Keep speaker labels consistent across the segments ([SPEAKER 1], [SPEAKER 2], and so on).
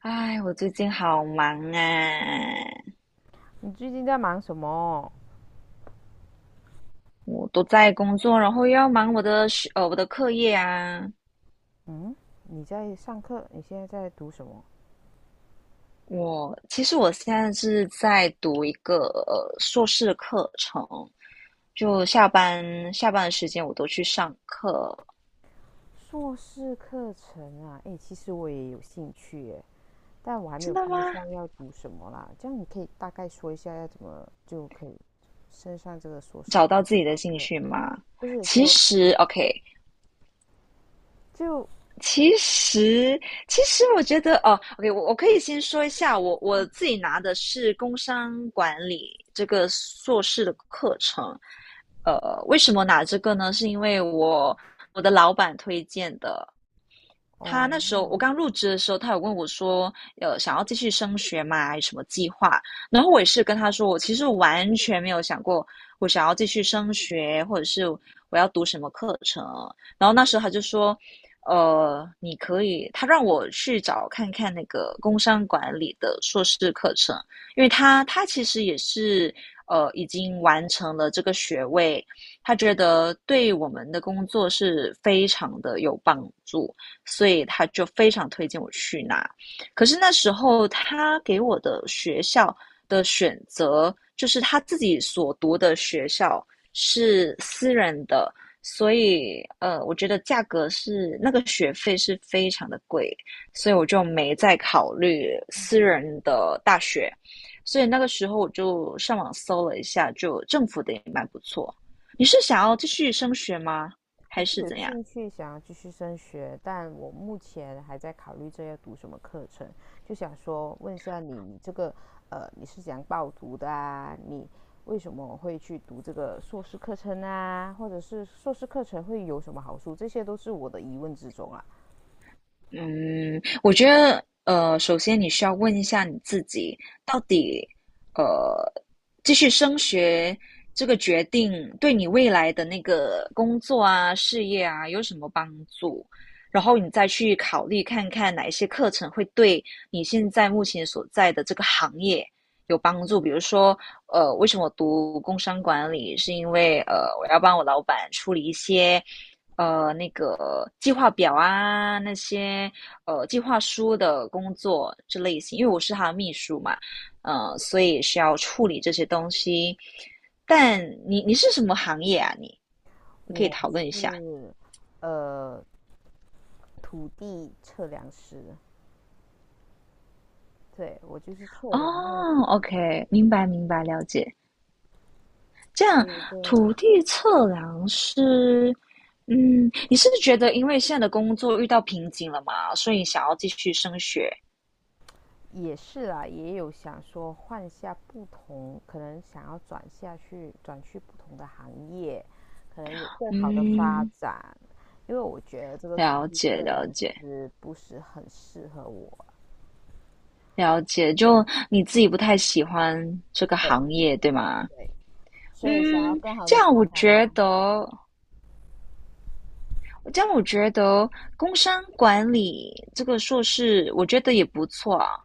[SPEAKER 1] 唉，我最近好忙啊，
[SPEAKER 2] 你最近在忙什么？
[SPEAKER 1] 我都在工作，然后又要忙我的课业啊。
[SPEAKER 2] 嗯，你在上课？你现在在读什么？
[SPEAKER 1] 我其实我现在是在读一个硕士的课程，就下班的时间我都去上课。
[SPEAKER 2] 硕士课程啊？诶，其实我也有兴趣耶，但我还没
[SPEAKER 1] 真
[SPEAKER 2] 有
[SPEAKER 1] 的
[SPEAKER 2] 方
[SPEAKER 1] 吗？
[SPEAKER 2] 向要读什么啦。这样你可以大概说一下要怎么就可以升上这个硕
[SPEAKER 1] 找
[SPEAKER 2] 士？
[SPEAKER 1] 到自己的兴
[SPEAKER 2] 对，
[SPEAKER 1] 趣吗？
[SPEAKER 2] 不是
[SPEAKER 1] 其
[SPEAKER 2] 就
[SPEAKER 1] 实，OK，
[SPEAKER 2] 就
[SPEAKER 1] 其实，其实我觉得哦，OK，我可以先说一下，我
[SPEAKER 2] 啊
[SPEAKER 1] 自己拿的是工商管理这个硕士的课程。呃，为什么拿这个呢？是因为我的老板推荐的。他那
[SPEAKER 2] 哦，
[SPEAKER 1] 时候我刚入职的时候，他有问我说，想要继续升学吗？有什么计划？然后我也是跟他说，我其实完全没有想过我想要继续升学，或者是我要读什么课程。然后那时候他就说，你可以，他让我去找看看那个工商管理的硕士课程，因为他其实也是已经完成了这个学位，他觉得对我们的工作是非常的有帮助。所以他就非常推荐我去拿。可是那时候他给我的学校的选择，就是他自己所读的学校是私人的，所以我觉得价格是那个学费是非常的贵，所以我就没再考虑私人的大学。所以那个时候我就上网搜了一下，就政府的也蛮不错。你是想要继续升学吗？
[SPEAKER 2] 我
[SPEAKER 1] 还
[SPEAKER 2] 是
[SPEAKER 1] 是
[SPEAKER 2] 有
[SPEAKER 1] 怎样？
[SPEAKER 2] 兴趣想要继续升学，但我目前还在考虑这要读什么课程，就想说问一下你，你这个你是怎样报读的啊？你为什么会去读这个硕士课程啊？或者是硕士课程会有什么好处？这些都是我的疑问之中啊。
[SPEAKER 1] 嗯，我觉得，首先你需要问一下你自己，到底，呃，继续升学这个决定对你未来的那个工作啊、事业啊有什么帮助？然后你再去考虑看看哪一些课程会对你现在目前所在的这个行业有帮助。比如说，为什么我读工商管理，是因为我要帮我老板处理一些。那个计划表啊，那些计划书的工作这类型，因为我是他的秘书嘛，所以需要处理这些东西。但你是什么行业啊？你你可以
[SPEAKER 2] 我
[SPEAKER 1] 讨论一下。
[SPEAKER 2] 是呃土地测量师，对，我就是测量那个土
[SPEAKER 1] 哦
[SPEAKER 2] 地的，
[SPEAKER 1] ，OK，明白明白，了解。这
[SPEAKER 2] 所
[SPEAKER 1] 样，
[SPEAKER 2] 以这
[SPEAKER 1] 土地测量师，嗯，你是不是觉得因为现在的工作遇到瓶颈了嘛，所以想要继续升学？
[SPEAKER 2] 也是啦，也有想说换下不同，可能想要转下去，转去不同的行业，可能有更好的发
[SPEAKER 1] 嗯，
[SPEAKER 2] 展。因为我觉得这个土
[SPEAKER 1] 了
[SPEAKER 2] 地
[SPEAKER 1] 解
[SPEAKER 2] 测量
[SPEAKER 1] 了解。
[SPEAKER 2] 师不是很适合我，
[SPEAKER 1] 了解，就你自己不太喜欢这个
[SPEAKER 2] 对
[SPEAKER 1] 行业，对吗？
[SPEAKER 2] 对，所以想要
[SPEAKER 1] 嗯，
[SPEAKER 2] 更好
[SPEAKER 1] 这
[SPEAKER 2] 的发
[SPEAKER 1] 样我
[SPEAKER 2] 展
[SPEAKER 1] 觉
[SPEAKER 2] 啊，
[SPEAKER 1] 得，这样我觉得工商管理这个硕士，我觉得也不错啊。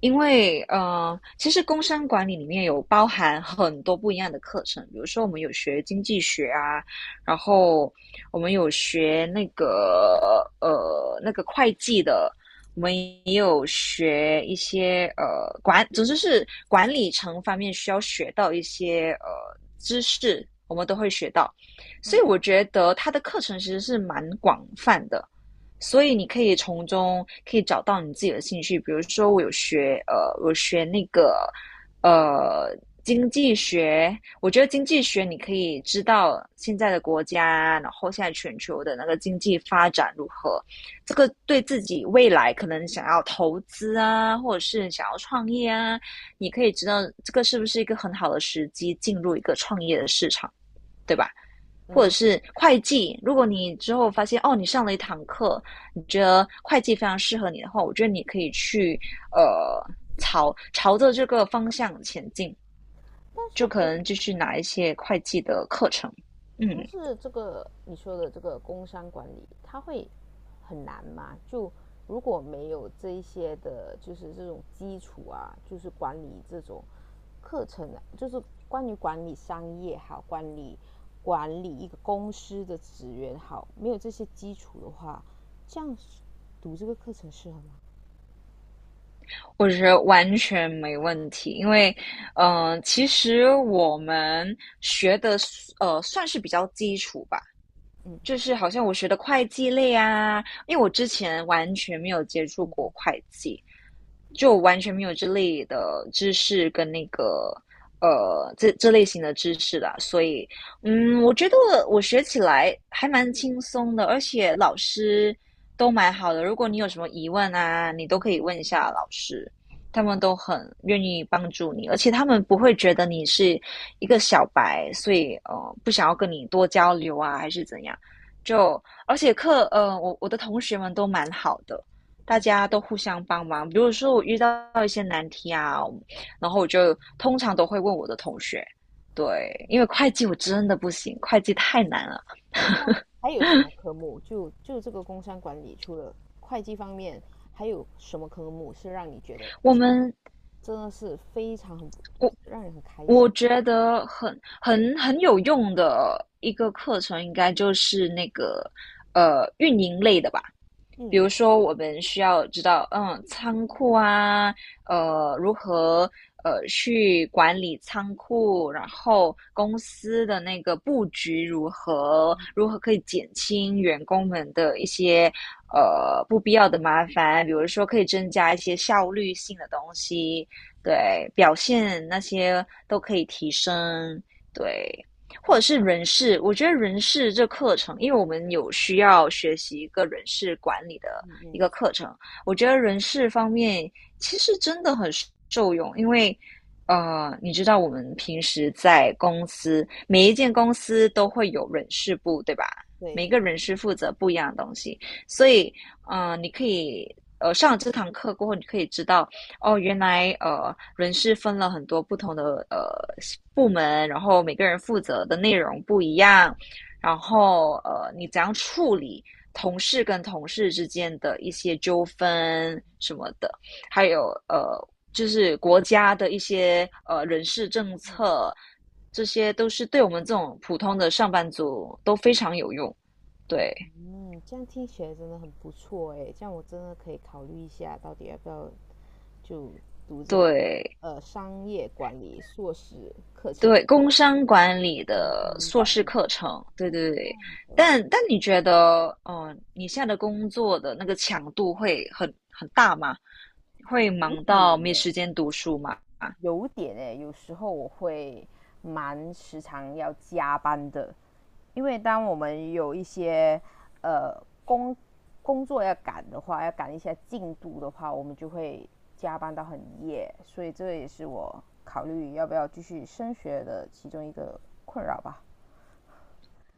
[SPEAKER 1] 因为其实工商管理里面有包含很多不一样的课程，比如说我们有学经济学啊，然后我们有学那个那个会计的，我们也有学一些总之是管理层方面需要学到一些知识，我们都会学到。所以我
[SPEAKER 2] 嗯
[SPEAKER 1] 觉得他的课程其实是蛮广泛的，所以你可以可以找到你自己的兴趣。比如说，我学那个呃经济学，我觉得经济学你可以知道现在的国家，然后现在全球的那个经济发展如何，这个对自己未来可能想要投资啊，或者是想要创业啊，你可以知道这个是不是一个很好的时机进入一个创业的市场，对吧？或者
[SPEAKER 2] 嗯。
[SPEAKER 1] 是会计，如果你之后发现哦，你上了一堂课，你觉得会计非常适合你的话，我觉得你可以去呃朝着这个方向前进，
[SPEAKER 2] 但是
[SPEAKER 1] 就可
[SPEAKER 2] 国
[SPEAKER 1] 能继续拿一些会计的课程。嗯，
[SPEAKER 2] 但是这个你说的这个工商管理，它会很难吗？就如果没有这一些的，就是这种基础啊，就是管理这种课程啊，就是关于管理商业好，管理一个公司的职员好，没有这些基础的话，这样读这个课程适合吗？
[SPEAKER 1] 我觉得完全没问题，因为，其实我们学的算是比较基础吧，就是好像我学的会计类啊，因为我之前完全没有接触过会计，就完全没有这类的知识跟那个这类型的知识的，所以嗯，我觉得我学起来还蛮轻松的，而且老师都蛮好的。如果你有什么疑问啊，你都可以问一下老师，他们都很愿意帮助你，而且他们不会觉得你是一个小白，所以不想要跟你多交流啊，还是怎样。就而且课，呃，我的同学们都蛮好的，大家都互相帮忙。比如说我遇到一些难题啊，然后我就通常都会问我的同学，对，因为会计我真的不行，会计太难了。
[SPEAKER 2] 还有什么科目？就就这个工商管理，除了会计方面，还有什么科目是让你觉得
[SPEAKER 1] 我们
[SPEAKER 2] 真的是非常很，就是让人很开心。
[SPEAKER 1] 我觉得很有用的一个课程，应该就是那个运营类的吧。比
[SPEAKER 2] 嗯，
[SPEAKER 1] 如说，我们需要知道，嗯，仓库啊，呃，如何去管理仓库，然后公司的那个布局如何，如何可以减轻员工们的一些不必要的麻烦，比如说可以增加一些效率性的东西，对，表现那些都可以提升，对，或者是人事，我觉得人事这课程，因为我们有需要学习一个人事管理的一个课程，我觉得人事方面其实真的很受用，因为你知道我们平时在公司，每一间公司都会有人事部，对吧？
[SPEAKER 2] 对
[SPEAKER 1] 每
[SPEAKER 2] 的，
[SPEAKER 1] 个人事负责不一样的东西，所以你可以上了这堂课过后，你可以知道哦，原来人事分了很多不同的呃部门，然后每个人负责的内容不一样，然后你怎样处理同事跟同事之间的一些纠纷什么的，还有就是国家的一些人事政策，这些都是对我们这种普通的上班族都非常有用。对
[SPEAKER 2] 嗯，这样听起来真的很不错诶，这样我真的可以考虑一下，到底要不要就
[SPEAKER 1] 对，
[SPEAKER 2] 呃商业管理硕士课程，
[SPEAKER 1] 对，工商管理
[SPEAKER 2] 工
[SPEAKER 1] 的
[SPEAKER 2] 商
[SPEAKER 1] 硕
[SPEAKER 2] 管
[SPEAKER 1] 士
[SPEAKER 2] 理
[SPEAKER 1] 课程，对对对。但你觉得，你现在的工作的那个强度会很大吗？会
[SPEAKER 2] 五
[SPEAKER 1] 忙
[SPEAKER 2] 点
[SPEAKER 1] 到
[SPEAKER 2] 呢。
[SPEAKER 1] 没时间读书吗？
[SPEAKER 2] 有点诶、欸有时候我会蛮时常要加班的，因为当我们有一些呃工工作要赶的话，要赶一下进度的话，我们就会加班到很夜，所以这也是我考虑要不要继续升学的其中一个困扰吧。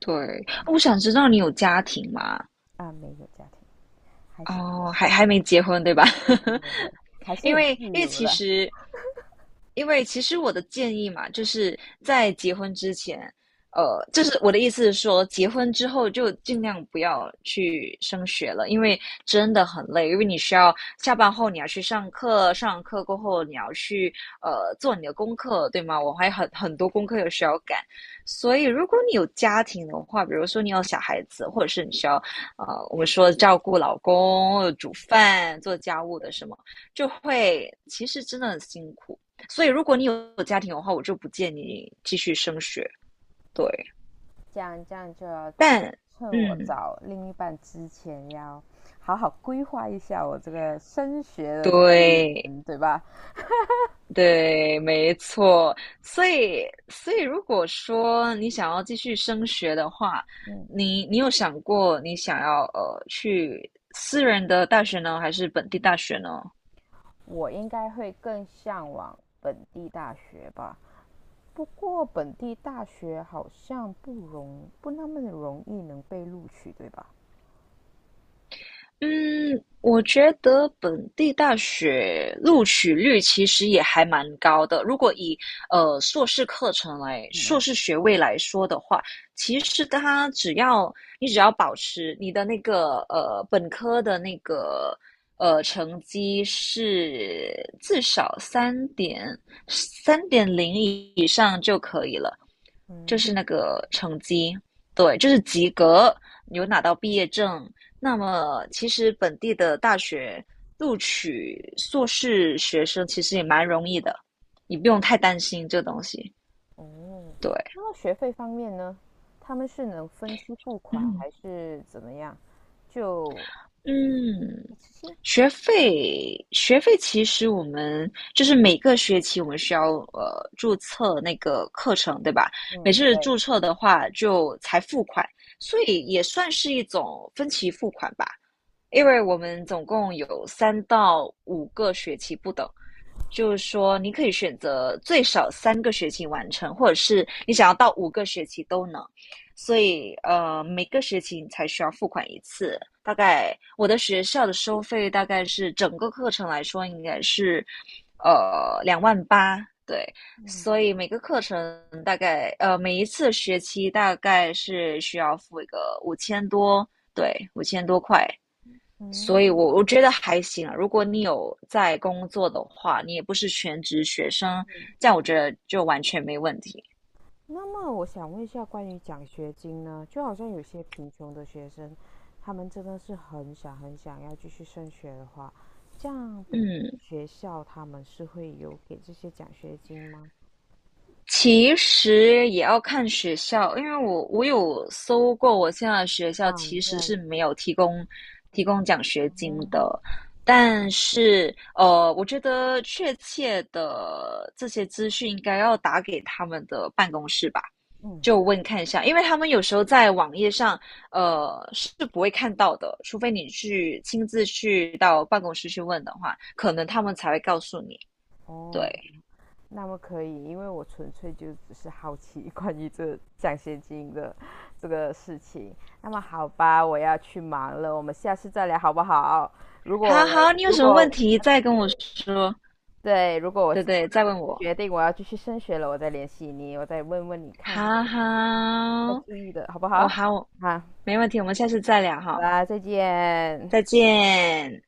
[SPEAKER 1] 对，我想知道你有家庭吗？
[SPEAKER 2] 啊，没有家庭，还是单
[SPEAKER 1] 哦，还
[SPEAKER 2] 身，
[SPEAKER 1] 还没结婚，对吧？
[SPEAKER 2] 对对 对对，还是
[SPEAKER 1] 因
[SPEAKER 2] 很
[SPEAKER 1] 为
[SPEAKER 2] 自
[SPEAKER 1] 因为
[SPEAKER 2] 由
[SPEAKER 1] 其
[SPEAKER 2] 的。
[SPEAKER 1] 实，因为其实我的建议嘛，就是在结婚之前，就是我的意思是说，结婚之后就尽量不要去升学了，因为真的很累，因为你需要下班后你要去上课，上完课过后你要去做你的功课，对吗？我还很很多功课有需要赶，所以如果你有家庭的话，比如说你有小孩子，或者是你需要我们说照顾老公、煮饭、做家务
[SPEAKER 2] 对，
[SPEAKER 1] 的什么，就会其实真的很辛苦。所以如果你有家庭的话，我就不建议你继续升学。对，
[SPEAKER 2] 这样就要
[SPEAKER 1] 但
[SPEAKER 2] 趁我
[SPEAKER 1] 嗯，
[SPEAKER 2] 找另一半之前，要好好规划一下我这个升学的这个旅
[SPEAKER 1] 对
[SPEAKER 2] 程，对吧？
[SPEAKER 1] 对，没错。所以如果说你想要继续升学的话，
[SPEAKER 2] 嗯，
[SPEAKER 1] 你有想过你想要去私人的大学呢，还是本地大学呢？
[SPEAKER 2] 我应该会更向往本地大学吧。不过本地大学好像不那么容易能被录取，对吧？
[SPEAKER 1] 嗯，我觉得本地大学录取率其实也还蛮高的。如果以硕士学位来说的话，其实它只要你只要保持你的那个本科的那个成绩是至少3.0以上就可以了，就是
[SPEAKER 2] 嗯，
[SPEAKER 1] 那个成绩，对，就是及格，有拿到毕业证。那么，其实本地的大学录取硕士学生其实也蛮容易的，你不用太担心这东西。
[SPEAKER 2] 哦，
[SPEAKER 1] 对，
[SPEAKER 2] 那么学费方面呢？他们是能分期付款
[SPEAKER 1] 嗯
[SPEAKER 2] 还是怎么样？就一
[SPEAKER 1] 嗯，
[SPEAKER 2] 次性？
[SPEAKER 1] 学费其实我们就是每个学期我们需要注册那个课程，对吧？每
[SPEAKER 2] 嗯，
[SPEAKER 1] 次注
[SPEAKER 2] 对，
[SPEAKER 1] 册的话就才付款，所以也算是一种分期付款吧。因为我们总共有3到5个学期不等，就是说你可以选择最少3个学期完成，或者是你想要到五个学期都能。所以每个学期你才需要付款一次。大概我的学校的收费大概是整个课程来说应该是2万8，对。所以每个课程大概每一次学期大概是需要付一个五千多，对，五千多块。所以
[SPEAKER 2] 嗯，
[SPEAKER 1] 我觉得还行啊如果你有在工作的话，你也不是全职学生，这样我觉得就完全没问题。
[SPEAKER 2] 那么我想问一下，关于奖学金呢？就好像有些贫穷的学生，他们真的是很想要继续升学的话，这样本
[SPEAKER 1] 嗯
[SPEAKER 2] 学校他们是会有给这些奖学金吗？
[SPEAKER 1] 其实也要看学校，因为我有搜过，我现在的学校
[SPEAKER 2] 啊，你
[SPEAKER 1] 其实
[SPEAKER 2] 在
[SPEAKER 1] 是没有提供奖学金的，但是我觉得确切的这些资讯应该要打给他们的办公室吧，就问看一下，因为他们有时候在网页上是不会看到的，除非你去亲自去到办公室去问的话，可能他们才会告诉你。对，
[SPEAKER 2] 哦，那么可以，因为我纯粹就只是好奇 关于这奖学金的这个事情。那么好吧，我要去忙了，我们下次再聊好不好？如
[SPEAKER 1] 好
[SPEAKER 2] 果
[SPEAKER 1] 好，你有
[SPEAKER 2] 如
[SPEAKER 1] 什么问
[SPEAKER 2] 果
[SPEAKER 1] 题再跟我说，
[SPEAKER 2] 对，如果我
[SPEAKER 1] 对对，再问我。
[SPEAKER 2] 决定我要继续升学了，我再联系你，我再问问你看
[SPEAKER 1] 好好，
[SPEAKER 2] 要注意的好不好？
[SPEAKER 1] 哦好，
[SPEAKER 2] 好，
[SPEAKER 1] 没问题，我们下次再聊
[SPEAKER 2] 好
[SPEAKER 1] 哈，
[SPEAKER 2] 啦，再见。
[SPEAKER 1] 再见。